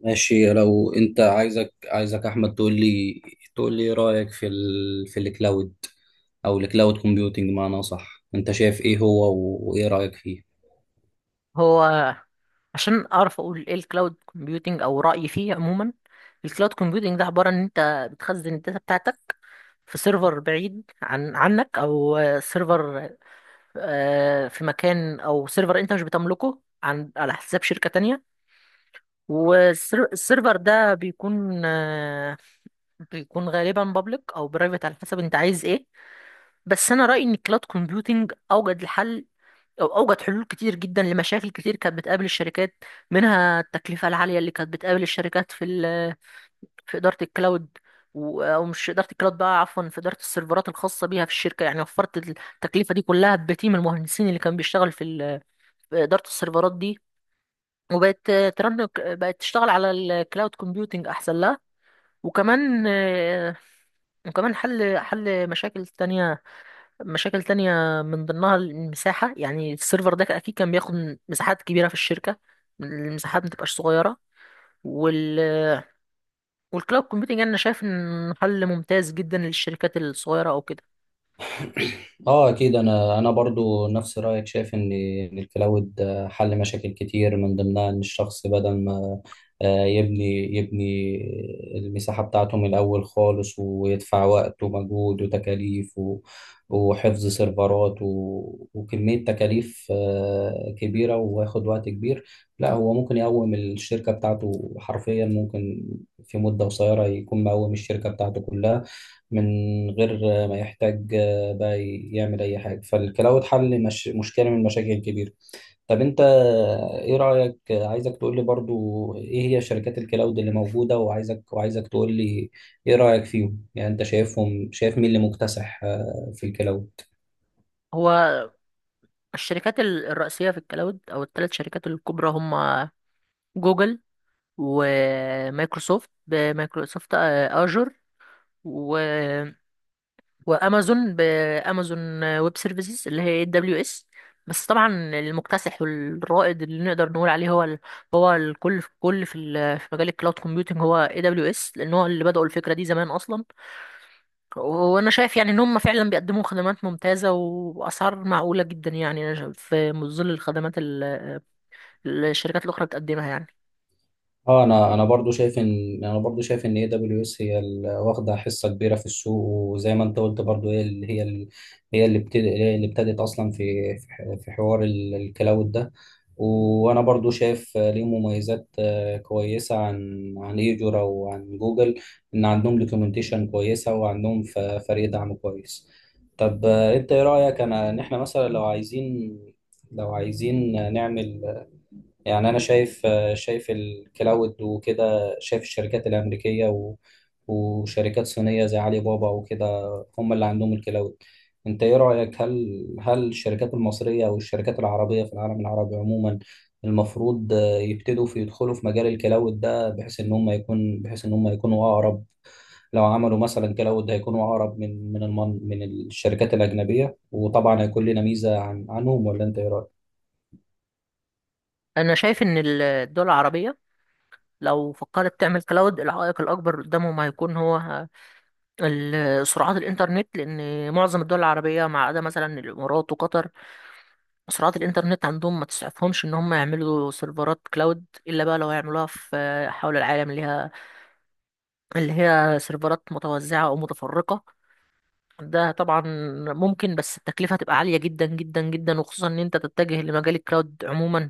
ماشي. لو انت عايزك احمد تقول لي، ايه رايك في الكلاود او الكلاود كومبيوتنج، معناه صح؟ انت شايف ايه هو وايه رايك فيه؟ هو، عشان اعرف اقول ايه الكلاود كومبيوتنج او رايي فيه عموما. الكلاود كومبيوتنج ده عباره ان انت بتخزن الداتا بتاعتك في سيرفر بعيد عنك او سيرفر آه، في مكان او سيرفر انت مش بتملكه على حساب شركه تانية. والسيرفر ده بيكون غالبا بابليك او برايفت على حسب انت عايز ايه. بس انا رايي ان الكلاود كومبيوتنج اوجد الحل، أوجد حلول كتير جدا لمشاكل كتير كانت بتقابل الشركات، منها التكلفة العالية اللي كانت بتقابل الشركات في إدارة الكلاود، و- أو مش إدارة الكلاود بقى، عفوا، في إدارة السيرفرات الخاصة بيها في الشركة، يعني وفرت التكلفة دي كلها بتيم المهندسين اللي كان بيشتغل في إدارة السيرفرات دي. وبقت، بقت تشتغل على الكلاود كومبيوتنج أحسن لها. وكمان آه، وكمان حل مشاكل تانية، من ضمنها المساحة، يعني السيرفر ده أكيد كان بياخد مساحات كبيرة في الشركة، المساحات متبقاش صغيرة. وال والكلاود كومبيوتنج أنا شايف إن حل ممتاز جدا للشركات الصغيرة أو كده. اه اكيد، انا برضو نفس رايك، شايف إن الكلاود حل مشاكل كتير، من ضمنها ان الشخص بدل ما يبني المساحه بتاعته من الاول خالص، ويدفع وقت ومجهود وتكاليف وحفظ سيرفرات وكميه تكاليف كبيره، وياخد وقت كبير. لا، هو ممكن يقوم الشركه بتاعته حرفيا، ممكن في مده قصيره يكون مقوم الشركه بتاعته كلها من غير ما يحتاج بقى يعمل اي حاجه. فالكلاود حل، مش مشكله، من المشاكل الكبيره. طب انت ايه رايك؟ عايزك تقول لي برضو ايه هي شركات الكلاود اللي موجوده، وعايزك تقول لي ايه رايك فيهم. يعني انت شايفهم، شايف مين اللي مكتسح في الكلاود؟ هو، الشركات الرئيسية في الكلاود، أو الثلاث شركات الكبرى، هما جوجل، ومايكروسوفت، بمايكروسوفت آجر، وامازون، بامازون ويب سيرفيسز، اللي هي WS. بس طبعا المكتسح والرائد اللي نقدر نقول عليه هو هو الكل في كل في مجال الكلاود كومبيوتنج هو AWS، لان هو اللي بدأوا الفكره دي زمان اصلا. وانا شايف يعني ان هم فعلا بيقدموا خدمات ممتازه واسعار معقوله جدا، يعني أنا شايف في ظل الخدمات الشركات الاخرى بتقدمها يعني. اه، انا برضو شايف ان، اي دبليو اس هي واخده حصه كبيره في السوق. وزي ما انت قلت، برضو هي اللي، هي اللي ابتدت اصلا في في حوار الكلاود ده. وانا برضو شايف ليه مميزات كويسه عن ايجورا وعن جوجل، ان عندهم دوكيومنتيشن كويسه، وعندهم فريق دعم كويس. طب انت ايه رايك ان احنا مثلا لو عايزين، نعمل؟ يعني انا شايف، الكلاود وكده، شايف الشركات الامريكيه وشركات صينيه زي علي بابا وكده، هم اللي عندهم الكلاود. انت ايه رايك، هل الشركات المصريه او الشركات العربيه في العالم العربي عموما المفروض يبتدوا يدخلوا في مجال الكلاود ده، بحيث ان هم يكونوا اقرب؟ لو عملوا مثلا كلاود، هيكونوا اقرب من الشركات الاجنبيه، وطبعا هيكون لنا ميزه عنهم، ولا انت ايه رايك؟ انا شايف ان الدول العربيه لو فكرت تعمل كلاود، العائق الاكبر قدامهم هيكون هو سرعات الإنترنت، لأن معظم الدول العربية، ما عدا مثلا الإمارات وقطر، سرعات الإنترنت عندهم ما تسعفهمش إن هم يعملوا سيرفرات كلاود، إلا بقى لو هيعملوها في حول العالم، اللي هي سيرفرات متوزعة أو متفرقة. ده طبعا ممكن، بس التكلفة هتبقى عالية جدا جدا جدا، وخصوصا إن أنت تتجه لمجال الكلاود عموما،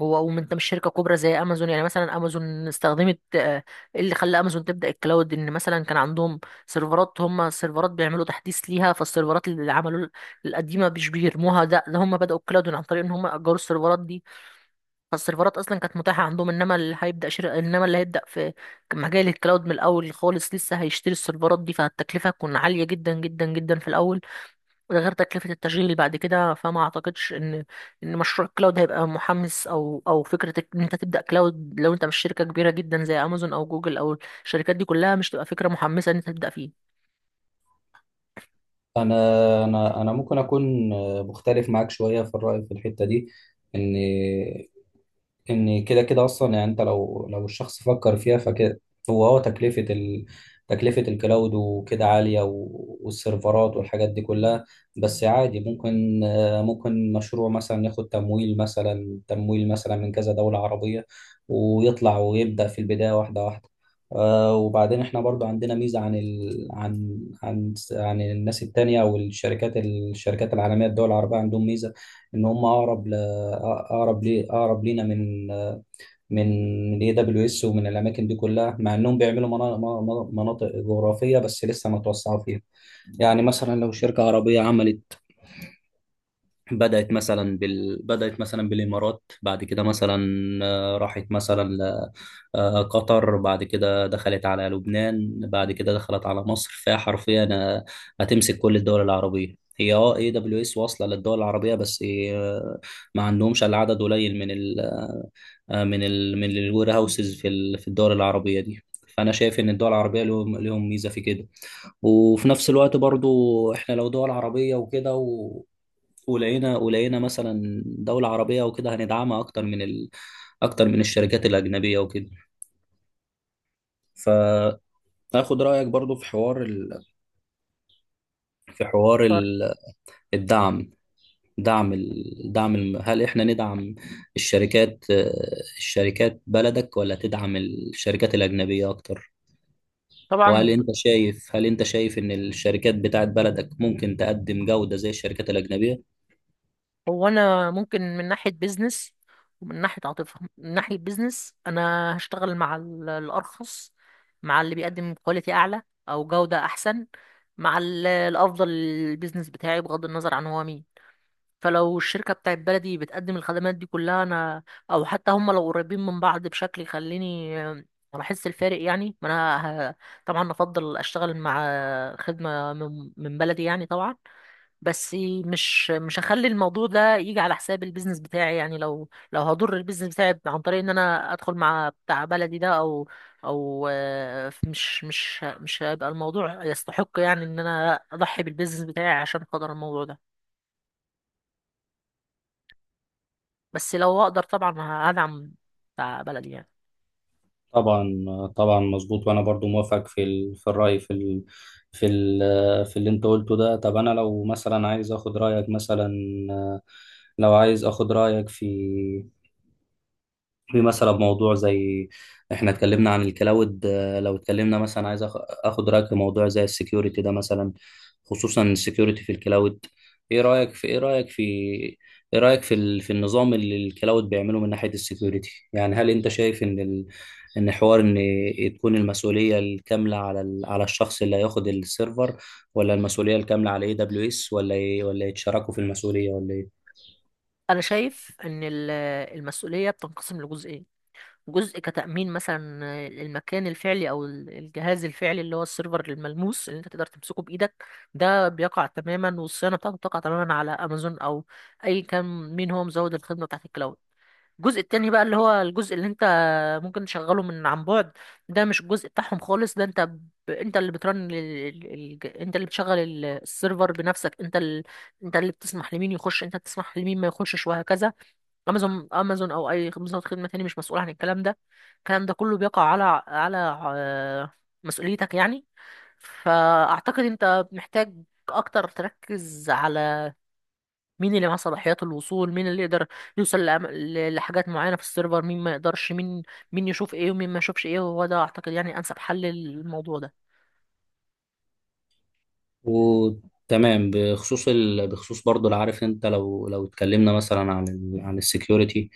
هو وانت مش شركه كبرى زي امازون. يعني مثلا امازون استخدمت، إيه اللي خلى امازون تبدا الكلاود؟ ان مثلا كان عندهم سيرفرات بيعملوا تحديث ليها، فالسيرفرات اللي عملوا القديمه مش بيرموها. ده هم بداوا الكلاود عن طريق ان هم اجروا السيرفرات دي. فالسيرفرات اصلا كانت متاحه عندهم، انما اللي هيبدا في مجال الكلاود من الاول خالص لسه هيشتري السيرفرات دي، فالتكلفه هتكون عاليه جدا جدا جدا في الاول، غير تكلفة التشغيل بعد كده. فما اعتقدش ان مشروع كلاود هيبقى محمس، او فكرة ان انت تبدأ كلاود لو انت مش شركة كبيرة جدا زي امازون او جوجل، او الشركات دي كلها، مش تبقى فكرة محمسة ان انت تبدأ فيه. انا ممكن اكون مختلف معاك شويه في الراي في الحته دي. ان ان كده كده اصلا، يعني انت لو، الشخص فكر فيها فكده. هو تكلفه الكلاود وكده عاليه، والسيرفرات والحاجات دي كلها. بس عادي، ممكن، مشروع مثلا ياخد تمويل، مثلا من كذا دوله عربيه، ويطلع ويبدا في البدايه واحده واحده. آه، وبعدين احنا برضو عندنا ميزه عن، ال... عن عن عن الناس التانية او الشركات العالميه. الدول العربيه عندهم ميزه ان هم اقرب، اقرب لي اقرب لينا، من من اي دبليو اس ومن الاماكن دي كلها، مع انهم بيعملوا مناطق جغرافيه، بس لسه ما توسعوا فيها. يعني مثلا لو شركه عربيه بدأت مثلا، بالإمارات، بعد كده مثلا راحت مثلا قطر، بعد كده دخلت على لبنان، بعد كده دخلت على مصر، فهي حرفيا هتمسك كل الدول العربية. هي اي دبليو اس واصله للدول العربيه، بس آه، ما عندهمش الا عدد قليل من ال آه، من ال من الوير هاوسز في الدول العربيه دي. فانا شايف ان الدول العربيه لهم ميزه في كده. وفي نفس الوقت برضو، احنا لو دول عربية وكده، ولقينا مثلا دولة عربية وكده، هندعمها أكتر أكتر من الشركات الأجنبية وكده. فآخد رأيك برضو في حوار في حوار فر- ال... الدعم. دعم ال... دعم الم... هل إحنا ندعم الشركات، بلدك، ولا تدعم الشركات الأجنبية أكتر؟ طبعا وهل ب- أنت شايف، إن الشركات بتاعت بلدك ممكن تقدم جودة زي الشركات الأجنبية؟ هو انا ممكن من ناحية بيزنس، ومن ناحية عاطفة. من ناحية بيزنس انا هشتغل مع الارخص، مع اللي بيقدم كواليتي اعلى او جودة احسن، مع الافضل للبيزنس بتاعي، بغض النظر عن هو مين. فلو الشركة بتاعت بلدي بتقدم الخدمات دي كلها أو حتى هم لو قريبين من بعض بشكل يخليني، أنا أحس الفارق، يعني ما أنا ه- طبعا أفضل أشتغل مع خدمة من بلدي يعني، طبعا. بس مش هخلي الموضوع ده يجي على حساب البيزنس بتاعي، يعني لو هضر البيزنس بتاعي عن طريق إن أنا أدخل مع بتاع بلدي ده، أو مش هيبقى الموضوع يستحق، يعني إن أنا أضحي بالبيزنس بتاعي عشان خاطر الموضوع ده. بس لو اقدر طبعا هدعم بتاع بلدي يعني. طبعا، طبعا، مظبوط. وانا برضو موافق في الراي في ال... في اللي انت قلته ده. طب انا لو مثلا عايز اخد رايك مثلا، آه، لو عايز اخد رايك في، مثلا موضوع زي، احنا اتكلمنا عن الكلاود، لو اتكلمنا مثلا، عايز اخد رايك في موضوع زي السكيورتي ده مثلا، خصوصا السكيورتي في الكلاود. ايه رايك في، النظام اللي الكلاود بيعمله من ناحيه السكيورتي. يعني هل انت شايف ان تكون المسؤوليه الكامله على الشخص اللي هياخد السيرفر، ولا المسؤوليه الكامله على اي دبليو اس، ولا يتشاركوا في المسؤوليه، ولا ايه؟ انا شايف ان المسؤوليه بتنقسم لجزئين. جزء كتامين مثلا المكان الفعلي او الجهاز الفعلي اللي هو السيرفر الملموس اللي انت تقدر تمسكه بايدك، ده بيقع تماما والصيانه بتاعته بتقع تماما على امازون، او اي كان مين هو مزود الخدمه بتاعت الكلاود. الجزء التاني بقى اللي هو الجزء اللي انت ممكن تشغله عن بعد، ده مش الجزء بتاعهم خالص. ده انت ب... انت اللي بترن ال... ال... ال- انت اللي بتشغل السيرفر بنفسك. انت اللي بتسمح لمين يخش، انت بتسمح لمين ما يخشش، وهكذا. امازون او اي مزود خدمة تاني مش مسؤول عن الكلام ده. الكلام ده كله بيقع على آه، مسؤوليتك يعني. فاعتقد انت محتاج اكتر تركز على مين اللي معاه صلاحيات الوصول، مين اللي يقدر يوصل لحاجات معينة في السيرفر، مين ما يقدرش، مين يشوف ايه ومين ما يشوفش ايه. وهو ده اعتقد يعني انسب حل للموضوع ده. وتمام. بخصوص برضه، لو عارف انت لو، اتكلمنا مثلا عن السكيورتي،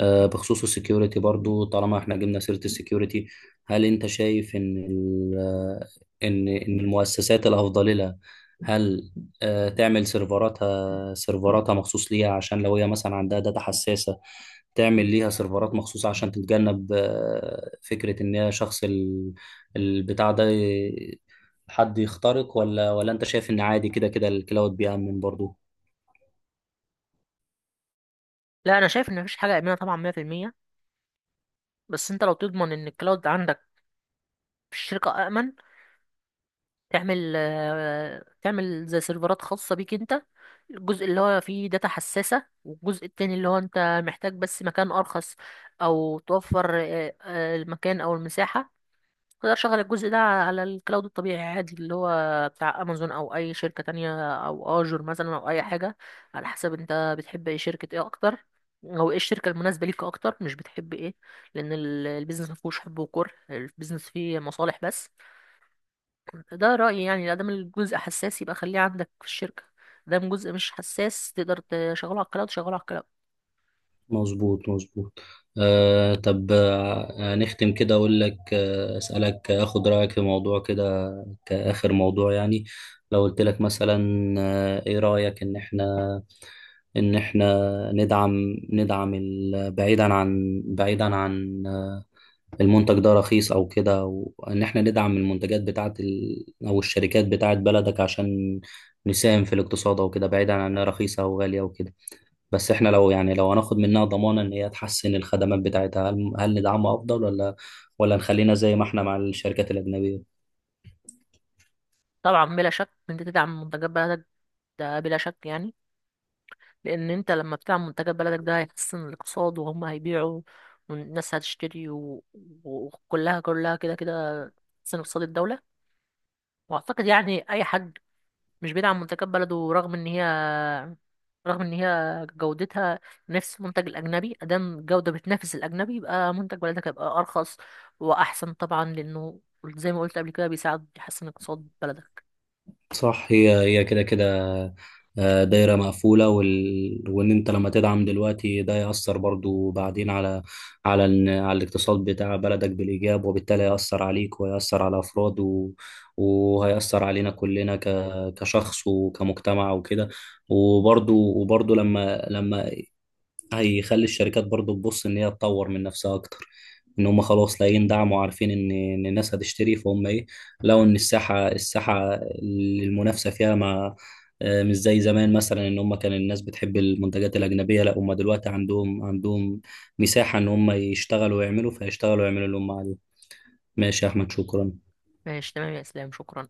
بخصوص السكيورتي برضه، طالما احنا جبنا سيرة السكيورتي، هل انت شايف ان المؤسسات الافضل لها هل تعمل سيرفراتها، مخصوص ليها، عشان لو هي مثلا عندها داتا حساسة تعمل ليها سيرفرات مخصوصة، عشان تتجنب فكرة ان هي شخص ال- البتاع ده ي- حد يخترق، ولا انت شايف ان عادي كده كده الكلاود بيأمن برضو؟ لا، انا شايف ان مفيش حاجة آمنة طبعا 100%. بس انت لو تضمن ان الكلاود عندك في الشركة آمن، تعمل زي سيرفرات خاصة بيك انت. الجزء اللي هو فيه داتا حساسة، والجزء التاني اللي هو انت محتاج بس مكان ارخص او توفر المكان او المساحة، اقدر اشغل الجزء ده على الكلاود الطبيعي عادي اللي هو بتاع امازون او اي شركة تانية او اجر مثلا او اي حاجة، على حسب انت بتحب اي شركة ايه اكتر، او ايه الشركة المناسبة ليك اكتر، مش بتحب ايه، لان البيزنس مفهوش حب وكره، البيزنس فيه مصالح بس. ده رأيي يعني، ادام الجزء حساس يبقى خليه عندك في الشركة، ادام جزء مش حساس تقدر تشغله على الكلاود شغله على الكلاود. مظبوط، مظبوط. طب، نختم كده، اقول لك، آه اسألك اخد رأيك في موضوع كده كآخر موضوع يعني. لو قلت لك مثلا، ايه رأيك ان احنا، ان احنا ندعم، بعيدا عن، المنتج ده رخيص او كده، وان احنا ندعم المنتجات بتاعت ال... او الشركات بتاعت بلدك، عشان نساهم في الاقتصاد او كده، بعيدا عن انها رخيصه او غاليه وكده. بس احنا لو، هناخد منها ضمانه ان هي تحسن الخدمات بتاعتها، هل ندعمها افضل، ولا نخلينا زي ما احنا مع الشركات الاجنبيه؟ طبعا بلا شك إن انت تدعم منتجات بلدك، ده بلا شك يعني، لان انت لما بتعمل منتجات بلدك ده هيحسن الاقتصاد، وهم هيبيعوا والناس هتشتري، وكلها كده كده تحسن اقتصاد الدولة. واعتقد يعني اي حد مش بيدعم منتجات بلده، رغم ان هي جودتها نفس المنتج الاجنبي، ادام الجودة بتنافس الاجنبي يبقى منتج بلدك هيبقى ارخص واحسن طبعا، لانه زي ما قلت قبل كده بيساعد يحسن اقتصاد بلدك. صح، هي كده كده دايرة مقفولة. وإن أنت لما تدعم دلوقتي، ده يأثر برضو بعدين على، على الاقتصاد بتاع بلدك بالإيجاب، وبالتالي هيأثر عليك، ويأثر على أفراد وهيأثر علينا كلنا كشخص وكمجتمع وكده. وبرضو، لما هيخلي الشركات برضو تبص ان هي تطور من نفسها اكتر، ان هم خلاص لاقيين دعم، وعارفين ان الناس هتشتري، فهم ايه، لقوا ان الساحه، اللي المنافسه فيها ما آه، مش زي زمان مثلا، ان هم كان الناس بتحب المنتجات الاجنبيه. لا، هم دلوقتي عندهم، مساحه ان هم يشتغلوا ويعملوا، فيشتغلوا ويعملوا اللي هم عليه. ماشي يا احمد، شكرا. ماشي تمام يا اسلام، شكرا.